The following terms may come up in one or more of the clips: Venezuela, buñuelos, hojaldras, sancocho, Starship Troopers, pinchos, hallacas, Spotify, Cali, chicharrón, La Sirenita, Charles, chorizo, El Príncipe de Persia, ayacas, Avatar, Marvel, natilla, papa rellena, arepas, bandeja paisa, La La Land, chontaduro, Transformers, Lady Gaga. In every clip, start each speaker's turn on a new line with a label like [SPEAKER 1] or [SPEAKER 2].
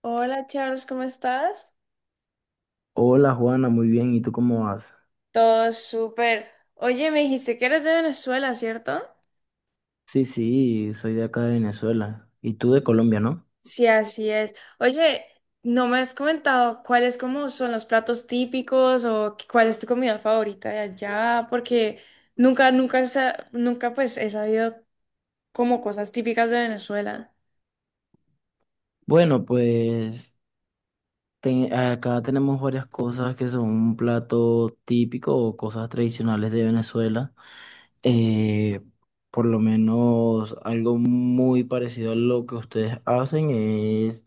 [SPEAKER 1] Hola Charles, ¿cómo estás?
[SPEAKER 2] Hola Juana, muy bien. ¿Y tú cómo vas?
[SPEAKER 1] Todo súper. Oye, me dijiste que eres de Venezuela, ¿cierto?
[SPEAKER 2] Sí, sí, soy de acá de Venezuela. Y tú de Colombia, ¿no?
[SPEAKER 1] Sí, así es. Oye, no me has comentado cuáles como son los platos típicos o cuál es tu comida favorita de allá, porque nunca pues he sabido como cosas típicas de Venezuela.
[SPEAKER 2] Bueno, pues acá tenemos varias cosas que son un plato típico o cosas tradicionales de Venezuela. Eh, por lo menos algo muy parecido a lo que ustedes hacen es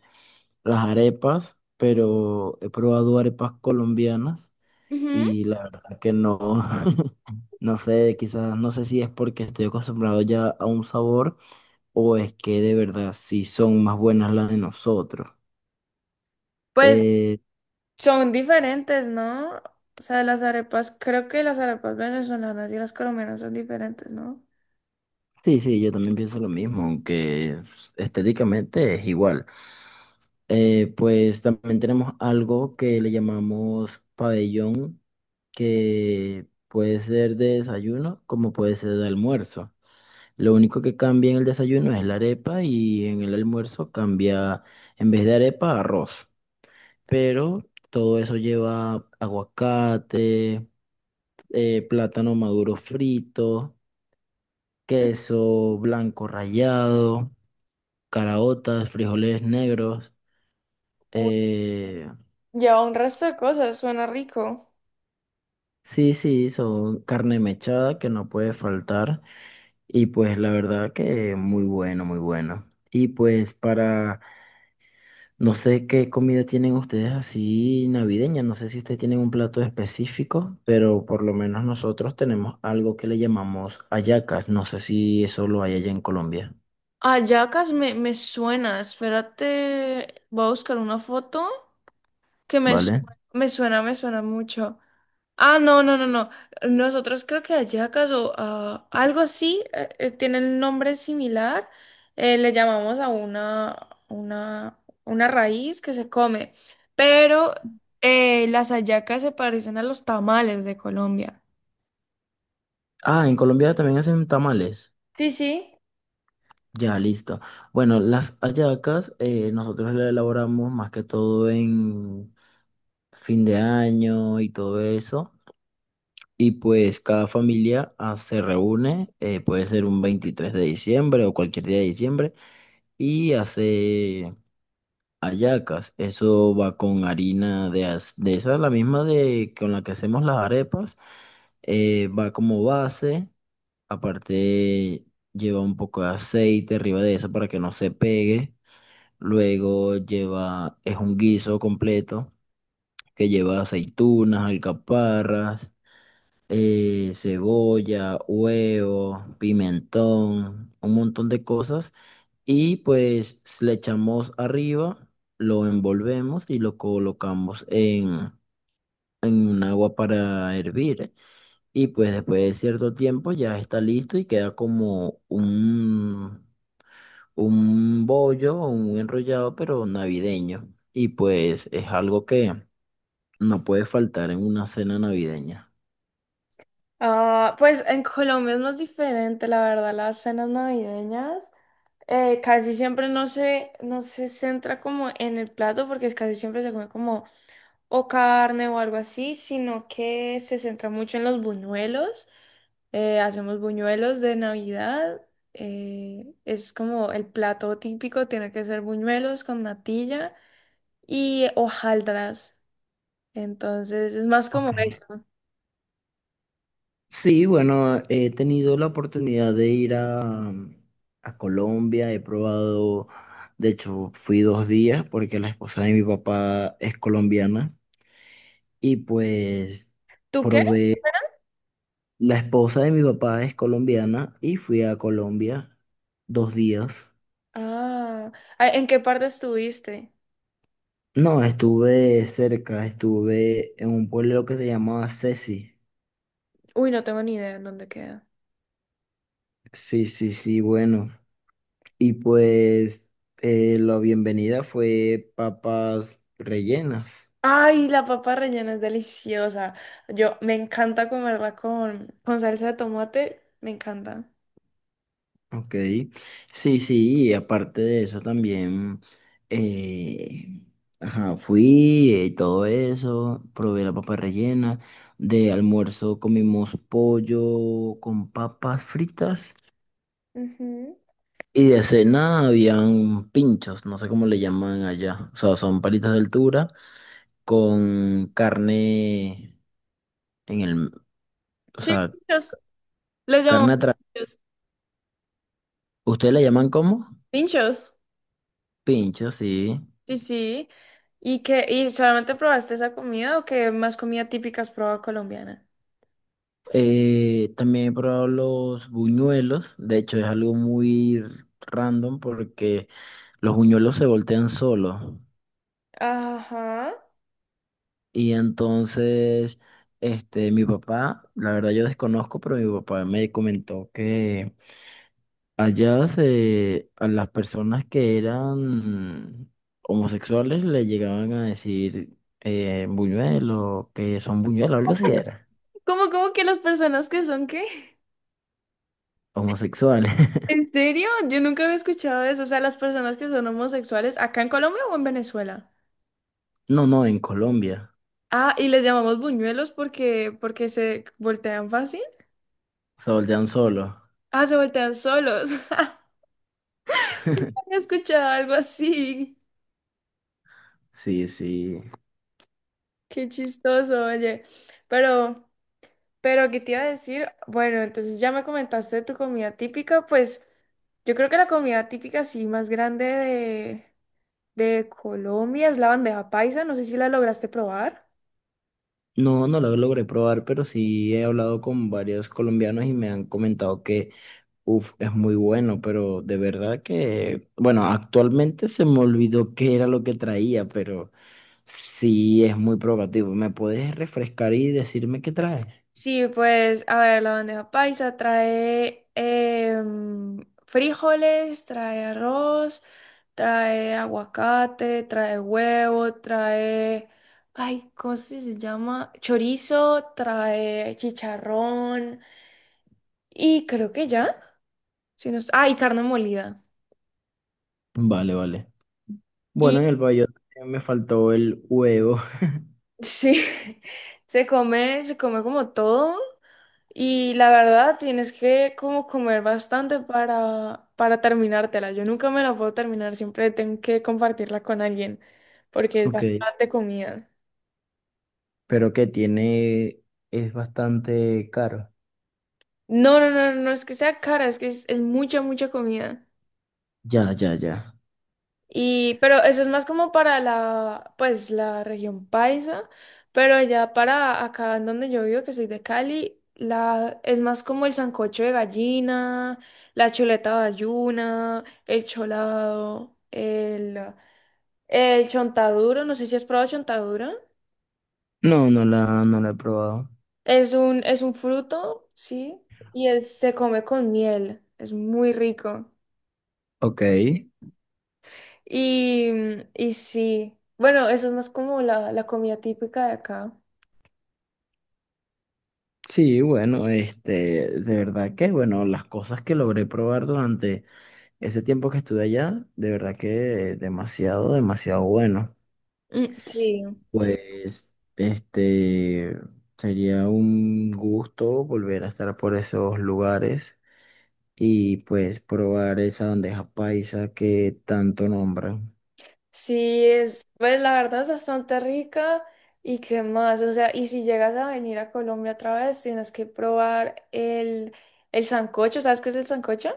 [SPEAKER 2] las arepas, pero he probado arepas colombianas
[SPEAKER 1] Ujú.
[SPEAKER 2] y la verdad que no, no sé, quizás, no sé si es porque estoy acostumbrado ya a un sabor o es que de verdad sí son más buenas las de nosotros.
[SPEAKER 1] Pues
[SPEAKER 2] Eh,
[SPEAKER 1] son diferentes, ¿no? O sea, las arepas, creo que las arepas venezolanas y las colombianas son diferentes, ¿no?
[SPEAKER 2] sí, sí, yo también pienso lo mismo, aunque estéticamente es igual. Pues también tenemos algo que le llamamos pabellón, que puede ser de desayuno como puede ser de almuerzo. Lo único que cambia en el desayuno es la arepa y en el almuerzo cambia, en vez de arepa, arroz. Pero todo eso lleva aguacate, plátano maduro frito,
[SPEAKER 1] Ujú.
[SPEAKER 2] queso blanco rallado, caraotas, frijoles negros.
[SPEAKER 1] Uy,
[SPEAKER 2] eh,
[SPEAKER 1] lleva un resto de cosas, suena rico.
[SPEAKER 2] sí, sí, son carne mechada que no puede faltar y pues la verdad que muy bueno, muy bueno. Y pues para... No sé qué comida tienen ustedes así navideña, no sé si ustedes tienen un plato específico, pero por lo menos nosotros tenemos algo que le llamamos hallacas, no sé si eso lo hay allá en Colombia,
[SPEAKER 1] Ayacas me suena, espérate, voy a buscar una foto que me, su-
[SPEAKER 2] ¿vale?
[SPEAKER 1] me suena mucho. Ah, no, no, no, no. Nosotros creo que Ayacas o ah, algo así, tienen nombre similar. Le llamamos a una raíz que se come, pero las hallacas se parecen a los tamales de Colombia.
[SPEAKER 2] Ah, en Colombia también hacen tamales,
[SPEAKER 1] Sí, sí.
[SPEAKER 2] ya listo. Bueno, las hallacas nosotros las elaboramos más que todo en fin de año y todo eso. Y pues cada familia se reúne, puede ser un 23 de diciembre o cualquier día de diciembre y hace hallacas. Eso va con harina de, de esa, la misma de con la que hacemos las arepas. Va como base, aparte lleva un poco de aceite arriba de eso para que no se pegue. Luego lleva, es un guiso completo que lleva aceitunas, alcaparras, cebolla, huevo, pimentón, un montón de cosas y pues le echamos arriba, lo envolvemos y lo colocamos en un agua para hervir. ¿Eh? Y pues después de cierto tiempo ya está listo y queda como un bollo o un enrollado, pero navideño. Y pues es algo que no puede faltar en una cena navideña.
[SPEAKER 1] Ah, pues en Colombia es más diferente, la verdad, las cenas navideñas. Casi siempre no se centra como en el plato, porque es casi siempre se come como o carne o algo así, sino que se centra mucho en los buñuelos. Hacemos buñuelos de Navidad. Es como el plato típico, tiene que ser buñuelos con natilla y hojaldras. Entonces es más
[SPEAKER 2] Ok.
[SPEAKER 1] como eso.
[SPEAKER 2] Sí, bueno, he tenido la oportunidad de ir a Colombia, he probado, de hecho fui 2 días porque la esposa de mi papá es colombiana y pues
[SPEAKER 1] ¿Tú qué?
[SPEAKER 2] probé, la esposa de mi papá es colombiana y fui a Colombia 2 días.
[SPEAKER 1] Ah, ah, ¿en qué parte estuviste?
[SPEAKER 2] No, estuve cerca, estuve en un pueblo que se llamaba Ceci.
[SPEAKER 1] Uy, no tengo ni idea en dónde queda.
[SPEAKER 2] Sí, sí, sí, bueno. Y pues la bienvenida fue papas rellenas.
[SPEAKER 1] Ay, la papa rellena es deliciosa. Yo me encanta comerla con salsa de tomate. Me encanta.
[SPEAKER 2] Ok. Sí, sí, y aparte de eso también, eh, ajá, fui y todo eso, probé la papa rellena. De almuerzo comimos pollo con papas fritas.
[SPEAKER 1] Ujú.
[SPEAKER 2] Y de cena habían pinchos, no sé cómo le llaman allá. O sea, son palitas de altura con carne en el, o
[SPEAKER 1] Sí,
[SPEAKER 2] sea,
[SPEAKER 1] pinchos. ¿Los llamamos
[SPEAKER 2] carne atrás.
[SPEAKER 1] pinchos.
[SPEAKER 2] ¿Ustedes la llaman como?
[SPEAKER 1] Pinchos.
[SPEAKER 2] Pinchos sí.
[SPEAKER 1] Sí, sí. ¿Y qué? ¿Y solamente probaste esa comida o qué más comida típica has probado colombiana?
[SPEAKER 2] También he probado los buñuelos. De hecho, es algo muy random porque los buñuelos se voltean solos.
[SPEAKER 1] Ajá.
[SPEAKER 2] Y entonces, este, mi papá, la verdad yo desconozco, pero mi papá me comentó que allá se, a las personas que eran homosexuales le llegaban a decir buñuelo, que son buñuelos, algo así era,
[SPEAKER 1] ¿Cómo, cómo que las personas que son qué?
[SPEAKER 2] homosexuales.
[SPEAKER 1] ¿En serio? Yo nunca había escuchado eso. O sea, las personas que son homosexuales, ¿acá en Colombia o en Venezuela?
[SPEAKER 2] No, no, en Colombia.
[SPEAKER 1] Ah, y les llamamos buñuelos porque se voltean fácil.
[SPEAKER 2] Se voltean solo.
[SPEAKER 1] Ah, se voltean solos. He escuchado algo así.
[SPEAKER 2] Sí, sí.
[SPEAKER 1] Qué chistoso, oye. Pero, pero, ¿qué te iba a decir? Bueno, entonces ya me comentaste de tu comida típica, pues yo creo que la comida típica sí más grande de Colombia es la bandeja paisa. No sé si la lograste probar.
[SPEAKER 2] No, no lo logré probar, pero sí he hablado con varios colombianos y me han comentado que, uff, es muy bueno, pero de verdad que, bueno, actualmente se me olvidó qué era lo que traía, pero sí es muy provocativo. ¿Me puedes refrescar y decirme qué trae?
[SPEAKER 1] Sí, pues, a ver, la bandeja paisa trae frijoles, trae arroz, trae aguacate, trae huevo, trae, ay, ¿cómo se llama? Chorizo, trae chicharrón y creo que ya, si no, y carne molida.
[SPEAKER 2] Vale, vale.
[SPEAKER 1] Y
[SPEAKER 2] Bueno, en el bayote me faltó el huevo,
[SPEAKER 1] sí, se come como todo. Y la verdad, tienes que como comer bastante para terminártela. Yo nunca me la puedo terminar, siempre tengo que compartirla con alguien, porque es
[SPEAKER 2] ok,
[SPEAKER 1] bastante comida.
[SPEAKER 2] pero que tiene, es bastante caro.
[SPEAKER 1] No, no, no, no es que sea cara, es que es mucha, mucha comida.
[SPEAKER 2] Ya, ya, ya.
[SPEAKER 1] Y, pero eso es más como para la, pues, la región paisa, pero ya para acá en donde yo vivo, que soy de Cali, la, es más como el sancocho de gallina, la chuleta bayuna el cholado, el... El chontaduro, no sé si has probado chontaduro.
[SPEAKER 2] No, no la, no la he probado.
[SPEAKER 1] Es un fruto, sí, se come con miel. Es muy rico.
[SPEAKER 2] Ok.
[SPEAKER 1] Y, y sí, bueno, eso es más como la comida típica de acá.
[SPEAKER 2] Sí, bueno, este, de verdad que, bueno, las cosas que logré probar durante ese tiempo que estuve allá, de verdad que demasiado, demasiado bueno.
[SPEAKER 1] Mm, sí,
[SPEAKER 2] Pues, este, sería un gusto volver a estar por esos lugares y pues probar esa bandeja paisa que tanto nombran.
[SPEAKER 1] sí, es, pues la verdad es bastante rica. ¿Y qué más? O sea, y si llegas a venir a Colombia otra vez, tienes que probar el sancocho. ¿Sabes qué es el sancocho?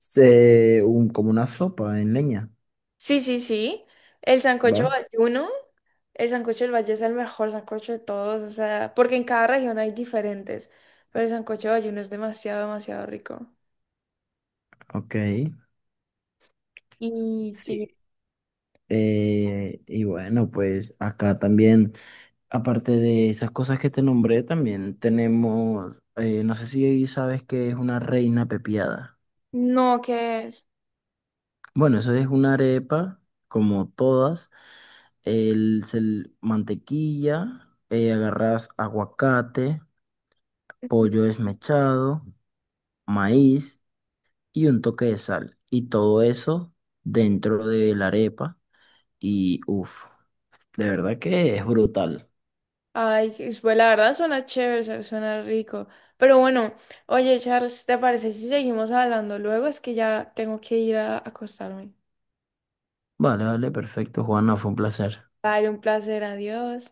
[SPEAKER 2] Se, un, como una sopa en leña,
[SPEAKER 1] Sí, sí, sí. El sancocho
[SPEAKER 2] ¿va?
[SPEAKER 1] valluno. El sancocho del Valle es el mejor sancocho de todos, o sea, porque en cada región hay diferentes, pero el sancocho del Valle es demasiado, demasiado rico.
[SPEAKER 2] Ok.
[SPEAKER 1] Y sí,
[SPEAKER 2] Sí. Y bueno, pues acá también, aparte de esas cosas que te nombré, también tenemos, no sé si sabes qué es una reina pepiada.
[SPEAKER 1] no, que es.
[SPEAKER 2] Bueno, eso es una arepa, como todas, el, mantequilla, agarras aguacate, pollo desmechado, maíz y un toque de sal. Y todo eso dentro de la arepa y uff, de verdad que es brutal.
[SPEAKER 1] Ay, pues la verdad suena chévere, suena rico. Pero bueno, oye, Charles, ¿te parece si seguimos hablando luego? Es que ya tengo que ir a acostarme.
[SPEAKER 2] Vale, vale, perfecto, Juan, no, fue un placer.
[SPEAKER 1] Vale, un placer, adiós.